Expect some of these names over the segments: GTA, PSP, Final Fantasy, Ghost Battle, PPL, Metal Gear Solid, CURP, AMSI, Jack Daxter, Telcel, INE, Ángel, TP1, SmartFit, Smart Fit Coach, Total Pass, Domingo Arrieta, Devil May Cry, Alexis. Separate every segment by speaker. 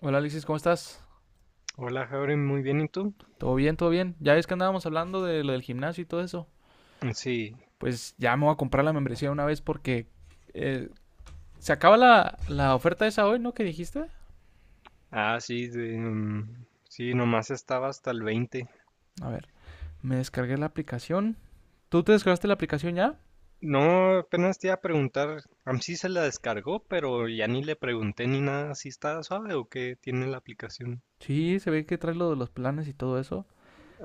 Speaker 1: Hola, Alexis, ¿cómo estás?
Speaker 2: Hola, Jauren, muy bien, ¿y tú?
Speaker 1: ¿Todo bien? ¿Todo bien? Ya ves que andábamos hablando de lo del gimnasio y todo eso.
Speaker 2: Sí.
Speaker 1: Pues ya me voy a comprar la membresía de una vez porque eh, se acaba la oferta esa hoy, ¿no? ¿Qué dijiste?
Speaker 2: Nomás estaba hasta el 20.
Speaker 1: A ver, me descargué la aplicación. ¿Tú te descargaste la aplicación ya?
Speaker 2: No, apenas te iba a preguntar, a mí sí se la descargó, pero ya ni le pregunté ni nada, si está suave o qué tiene la aplicación.
Speaker 1: Sí, se ve que trae lo de los planes y todo eso.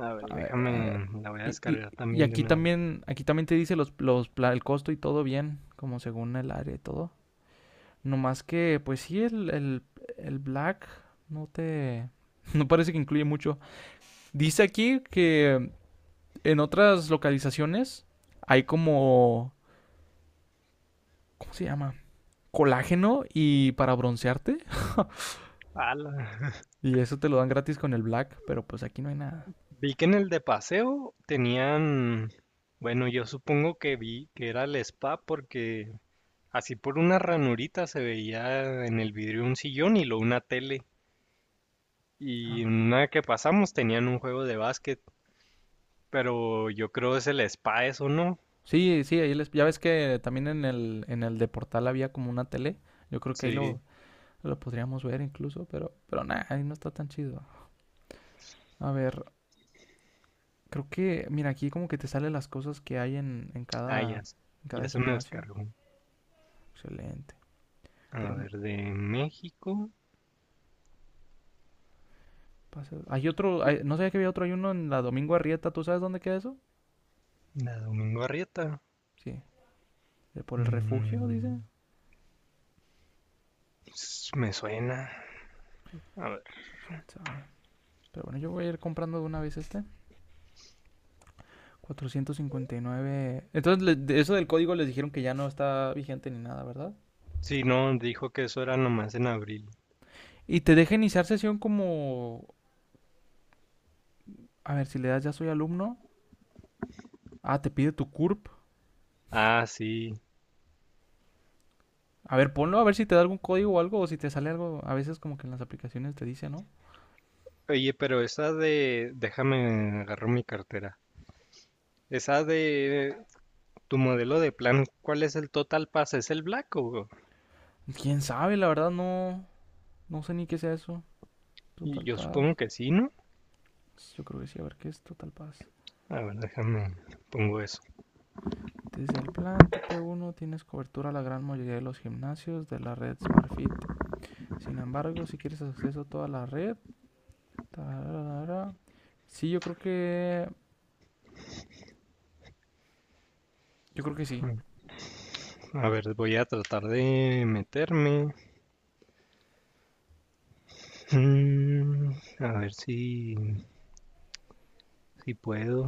Speaker 2: A ver,
Speaker 1: A ver, a ver.
Speaker 2: déjame, la voy a
Speaker 1: Y, y-
Speaker 2: descargar
Speaker 1: y
Speaker 2: también de una vez.
Speaker 1: aquí también te dice el costo y todo bien, como según el área y todo. No más que, pues sí, el Black no te... No parece que incluye mucho. Dice aquí que en otras localizaciones hay como... ¿Cómo se llama? Colágeno y para broncearte.
Speaker 2: Ala.
Speaker 1: Y eso te lo dan gratis con el black, pero pues aquí no hay nada.
Speaker 2: Vi que en el de paseo tenían, bueno, yo supongo que vi que era el spa porque así por una ranurita se veía en el vidrio un sillón y luego una tele.
Speaker 1: Ah.
Speaker 2: Y una que pasamos tenían un juego de básquet, pero yo creo es el spa eso, ¿no?
Speaker 1: Sí, sí, ahí les- ya ves que también en el de Portal había como una tele. Yo creo que ahí
Speaker 2: Sí.
Speaker 1: lo podríamos ver incluso, pero nada, ahí no está tan chido. A ver, creo que, mira, aquí como que te salen las cosas que hay
Speaker 2: Ah, ya, s-
Speaker 1: en cada
Speaker 2: ya se me
Speaker 1: gimnasio.
Speaker 2: descargó.
Speaker 1: Excelente.
Speaker 2: A
Speaker 1: Pero no,
Speaker 2: ver, de México,
Speaker 1: Paseo- Hay otro,
Speaker 2: y
Speaker 1: hay- no sabía que había otro, hay uno en la Domingo Arrieta, ¿tú sabes dónde queda eso?
Speaker 2: la Domingo Arrieta.
Speaker 1: Sí, eh, por el refugio,
Speaker 2: Mm,
Speaker 1: dice.
Speaker 2: Me suena. A ver.
Speaker 1: Pues, ¿quién sabe? Pero bueno, yo voy a ir comprando de una vez este. 459. Entonces, le- de eso del código les dijeron que ya no está vigente ni nada, ¿verdad?
Speaker 2: Sí, no, dijo que eso era nomás en abril.
Speaker 1: Y te deja iniciar sesión como... A ver, si le das ya soy alumno. Ah, te pide tu CURP.
Speaker 2: Ah, sí.
Speaker 1: A ver, ponlo a ver si te da algún código o algo, o si te sale algo. A veces como que en las aplicaciones te dice, ¿no?
Speaker 2: Oye, pero esa de... Déjame agarro mi cartera. Esa de... Tu modelo de plan, ¿cuál es el Total Pass? ¿Es el Black o...?
Speaker 1: Pues, ¿quién sabe? La verdad no... No sé ni qué sea eso.
Speaker 2: Y
Speaker 1: Total
Speaker 2: yo
Speaker 1: Paz.
Speaker 2: supongo que sí, ¿no?
Speaker 1: Pues, yo creo que sí, a ver qué es Total Pass.
Speaker 2: A ver, déjame, pongo eso.
Speaker 1: Desde el plan TP1 tienes cobertura a la gran mayoría de los gimnasios de la red SmartFit. Sin embargo, si quieres acceso a toda la red, tararara. Sí, yo creo que sí.
Speaker 2: A ver, voy a tratar de meterme. Mm, a ver si puedo.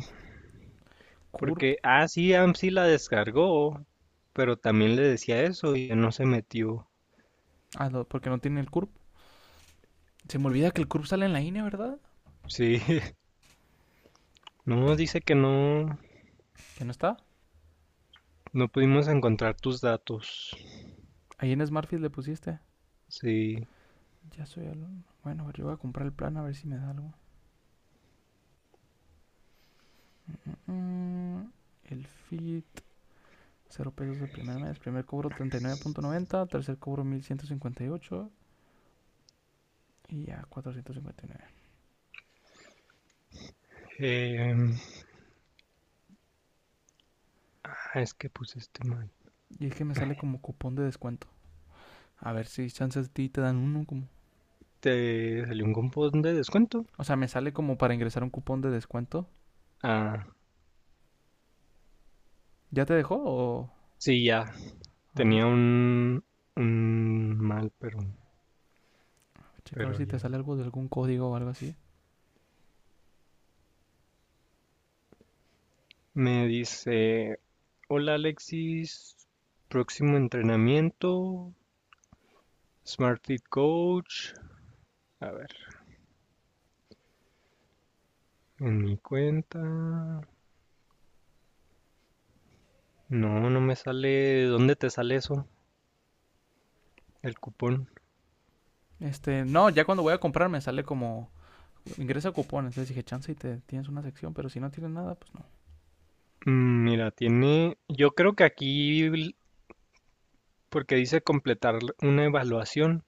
Speaker 1: Curb,
Speaker 2: Porque, sí, AMSI la descargó, pero también le decía eso y no se metió.
Speaker 1: ah, no, porque no tiene el curb. Se me olvida que el curb sale en la INE, ¿verdad?
Speaker 2: Sí, no, dice que no,
Speaker 1: Que no está.
Speaker 2: no pudimos encontrar tus datos.
Speaker 1: Ahí en SmartFit le pusiste.
Speaker 2: Sí,
Speaker 1: Ya soy alumno. Bueno, a ver, yo voy a comprar el plan a ver si me da algo. Mm, mm, el fit. 0 pesos el primer mes. Primer cobro 39.90, tercer cobro 1158 y ya 459.
Speaker 2: eh, ah, es que puse este mal.
Speaker 1: Y es que me sale como cupón de descuento. A ver si chances de ti te dan uno como.
Speaker 2: ¿Te salió un cupón de descuento?
Speaker 1: O sea, me sale como para ingresar un cupón de descuento.
Speaker 2: Ah,
Speaker 1: ¿Ya te dejó o
Speaker 2: sí, ya,
Speaker 1: a
Speaker 2: tenía
Speaker 1: ver,
Speaker 2: un mal, pero
Speaker 1: checa a ver
Speaker 2: Pero
Speaker 1: si te
Speaker 2: ya.
Speaker 1: sale algo de algún código o algo así?
Speaker 2: Me dice, hola Alexis, próximo entrenamiento, Smart Fit Coach. A ver, en mi cuenta. No, no me sale. ¿Dónde te sale eso? El cupón.
Speaker 1: Este, no, ya cuando voy a comprar me sale como ingresa cupón. Entonces dije, chance y te tienes una sección, pero si no tienes nada, pues no.
Speaker 2: Mm, mira, tiene. Yo creo que aquí, porque dice completar una evaluación,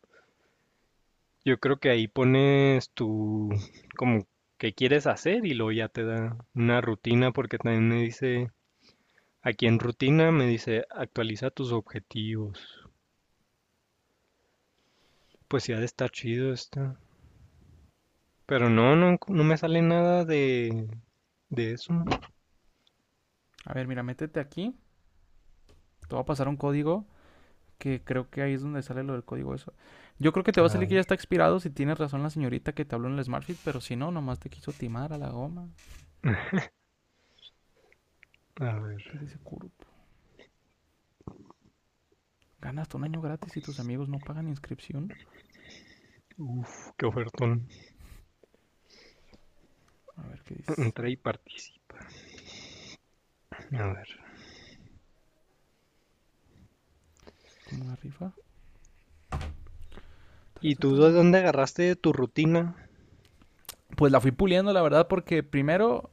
Speaker 2: yo creo que ahí pones tu, como, qué quieres hacer y luego ya te da una rutina, porque también me dice aquí en rutina me dice, actualiza tus objetivos. Pues ya está chido esta. Pero no me sale nada de, de eso.
Speaker 1: A ver, mira, métete aquí. Te va a pasar un código que creo que ahí es donde sale lo del código eso. Yo creo que te va a
Speaker 2: A
Speaker 1: salir que ya
Speaker 2: ver,
Speaker 1: está expirado si tienes razón la señorita que te habló en el Smartfit, pero si no, nomás te quiso timar a la goma.
Speaker 2: a
Speaker 1: ¿Qué
Speaker 2: ver.
Speaker 1: dice Kurup? Ganas hasta 1 año gratis y tus amigos no pagan inscripción.
Speaker 2: Uf, qué ofertón.
Speaker 1: A ver qué dice.
Speaker 2: Entra y participa. A ver.
Speaker 1: Como una rifa.
Speaker 2: ¿Y tú de
Speaker 1: Taratata.
Speaker 2: dónde agarraste tu rutina?
Speaker 1: Pues la fui puliendo, la verdad, porque primero,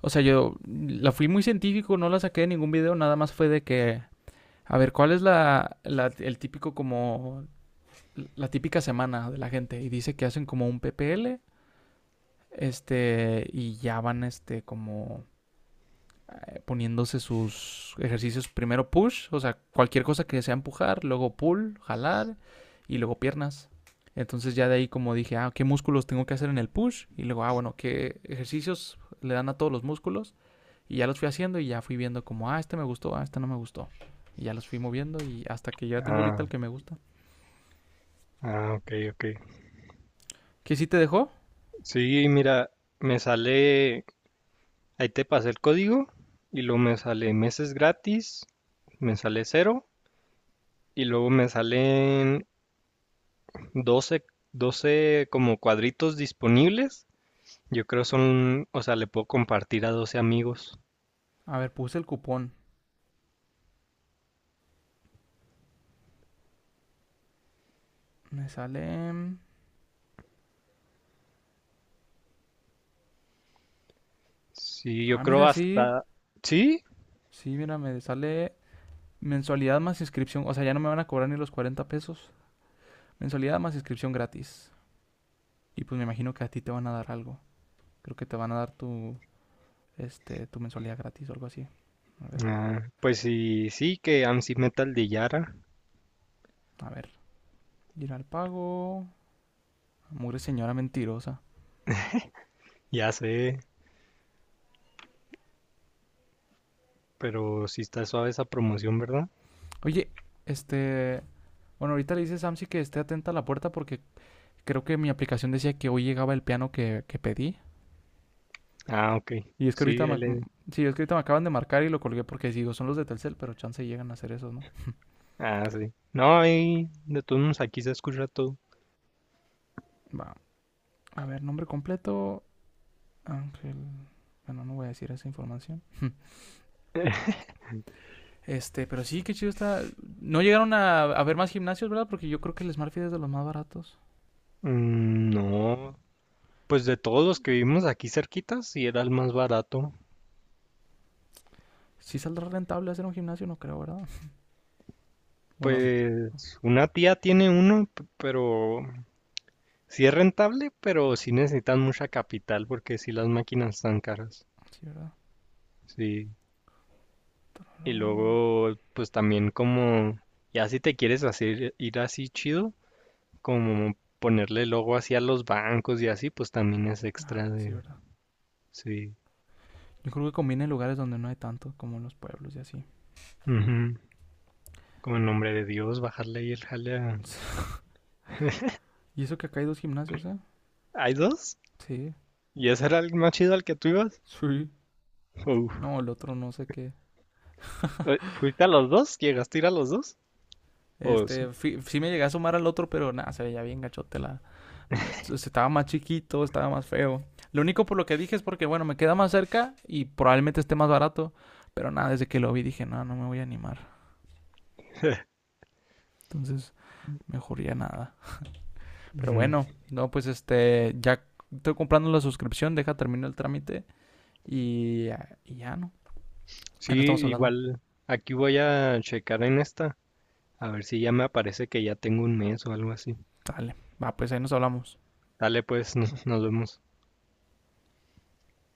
Speaker 1: o sea, yo la fui muy científico, no la saqué de ningún video, nada más fue de que, a ver, ¿cuál es el típico como, la típica semana de la gente? Y dice que hacen como un PPL. Este, y ya van, este, como poniéndose sus ejercicios. Primero push, o sea, cualquier cosa que sea empujar, luego pull, jalar y luego piernas. Entonces ya de ahí como dije, ah, ¿qué músculos tengo que hacer en el push? Y luego, ah, bueno, ¿qué ejercicios le dan a todos los músculos? Y ya los fui haciendo y ya fui viendo como, ah, este me gustó, ah, este no me gustó. Y ya los fui moviendo y hasta que ya tengo ahorita el
Speaker 2: Ah,
Speaker 1: que me gusta.
Speaker 2: ok, ok.
Speaker 1: ¿Qué sí te dejó?
Speaker 2: Sí, mira, me sale, ahí te pasé el código y luego me sale meses gratis, me sale cero y luego me salen 12 12 como cuadritos disponibles. Yo creo son, o sea, le puedo compartir a 12 amigos.
Speaker 1: A ver, puse el cupón. Me sale...
Speaker 2: Sí, yo
Speaker 1: Ah,
Speaker 2: creo
Speaker 1: mira, sí.
Speaker 2: hasta... Sí,
Speaker 1: Sí, mira, me sale mensualidad más inscripción. O sea, ya no me van a cobrar ni los 40 pesos. Mensualidad más inscripción gratis. Y pues me imagino que a ti te van a dar algo. Creo que te van a dar tu, este, tu mensualidad gratis o algo así. A ver,
Speaker 2: pues que AMSI Metal de Yara.
Speaker 1: a ver. Ir al pago. Mugre señora mentirosa.
Speaker 2: Ya sé, pero sí está suave esa promoción, ¿verdad?
Speaker 1: Oye, este... Bueno, ahorita le dice Samsi que esté atenta a la puerta porque creo que mi aplicación decía que hoy llegaba el piano que pedí.
Speaker 2: Ah, ok.
Speaker 1: Y es que
Speaker 2: Sí,
Speaker 1: ahorita
Speaker 2: ahí
Speaker 1: me,
Speaker 2: le...
Speaker 1: sí, es que ahorita me acaban de marcar y lo colgué porque digo, son los de Telcel, pero chance llegan a hacer eso, ¿no?
Speaker 2: Ah, sí. No, ahí de todos modos aquí se escucha todo.
Speaker 1: Va, a ver, nombre completo, Ángel. Bueno, no voy a decir esa información. Este, pero sí, qué chido está. No llegaron a ver más gimnasios, ¿verdad? Porque yo creo que el Smartfit es de los más baratos.
Speaker 2: Mm, no, pues de todos los que vivimos aquí cerquitas, sí era el más barato.
Speaker 1: Sí saldrá rentable hacer un gimnasio, no creo, ¿verdad? Bueno,
Speaker 2: Pues una tía tiene uno, pero sí es rentable, pero sí necesitan mucha capital porque sí las máquinas están caras.
Speaker 1: sí, ¿verdad?
Speaker 2: Sí. Y
Speaker 1: No.
Speaker 2: luego, pues también como, ya si te quieres hacer ir así chido, como ponerle logo así a los bancos y así, pues también es
Speaker 1: Ah,
Speaker 2: extra
Speaker 1: pues sí,
Speaker 2: de,
Speaker 1: ¿verdad?
Speaker 2: sí.
Speaker 1: Yo creo que conviene en lugares donde no hay tanto, como en los pueblos y así.
Speaker 2: Ujú. Como en nombre de Dios, bajarle ahí el jale a...
Speaker 1: Y eso que acá hay 2 gimnasios, ¿eh?
Speaker 2: ¿Hay dos?
Speaker 1: Sí.
Speaker 2: ¿Y ese era el más chido al que tú ibas?
Speaker 1: Sí.
Speaker 2: Uf.
Speaker 1: No, el otro no sé qué.
Speaker 2: ¿Fuiste a los dos? ¿Llegaste a ir a los dos? Pues...
Speaker 1: Este, fi- sí me llegué a asomar al otro, pero nada, se veía bien gachote la... se- Estaba más chiquito, estaba más feo. Lo único por lo que dije es porque, bueno, me queda más cerca y probablemente esté más barato. Pero nada, desde que lo vi dije, no, no me voy a animar. Entonces, mejor ya nada. Pero
Speaker 2: Mm,
Speaker 1: bueno, no, pues este, ya estoy comprando la suscripción, deja terminar el trámite y ya no.
Speaker 2: sí,
Speaker 1: Ahí no estamos hablando.
Speaker 2: igual aquí voy a checar en esta, a ver si ya me aparece que ya tengo un mes o algo así.
Speaker 1: Dale, va, pues ahí nos hablamos.
Speaker 2: Dale pues, nos vemos.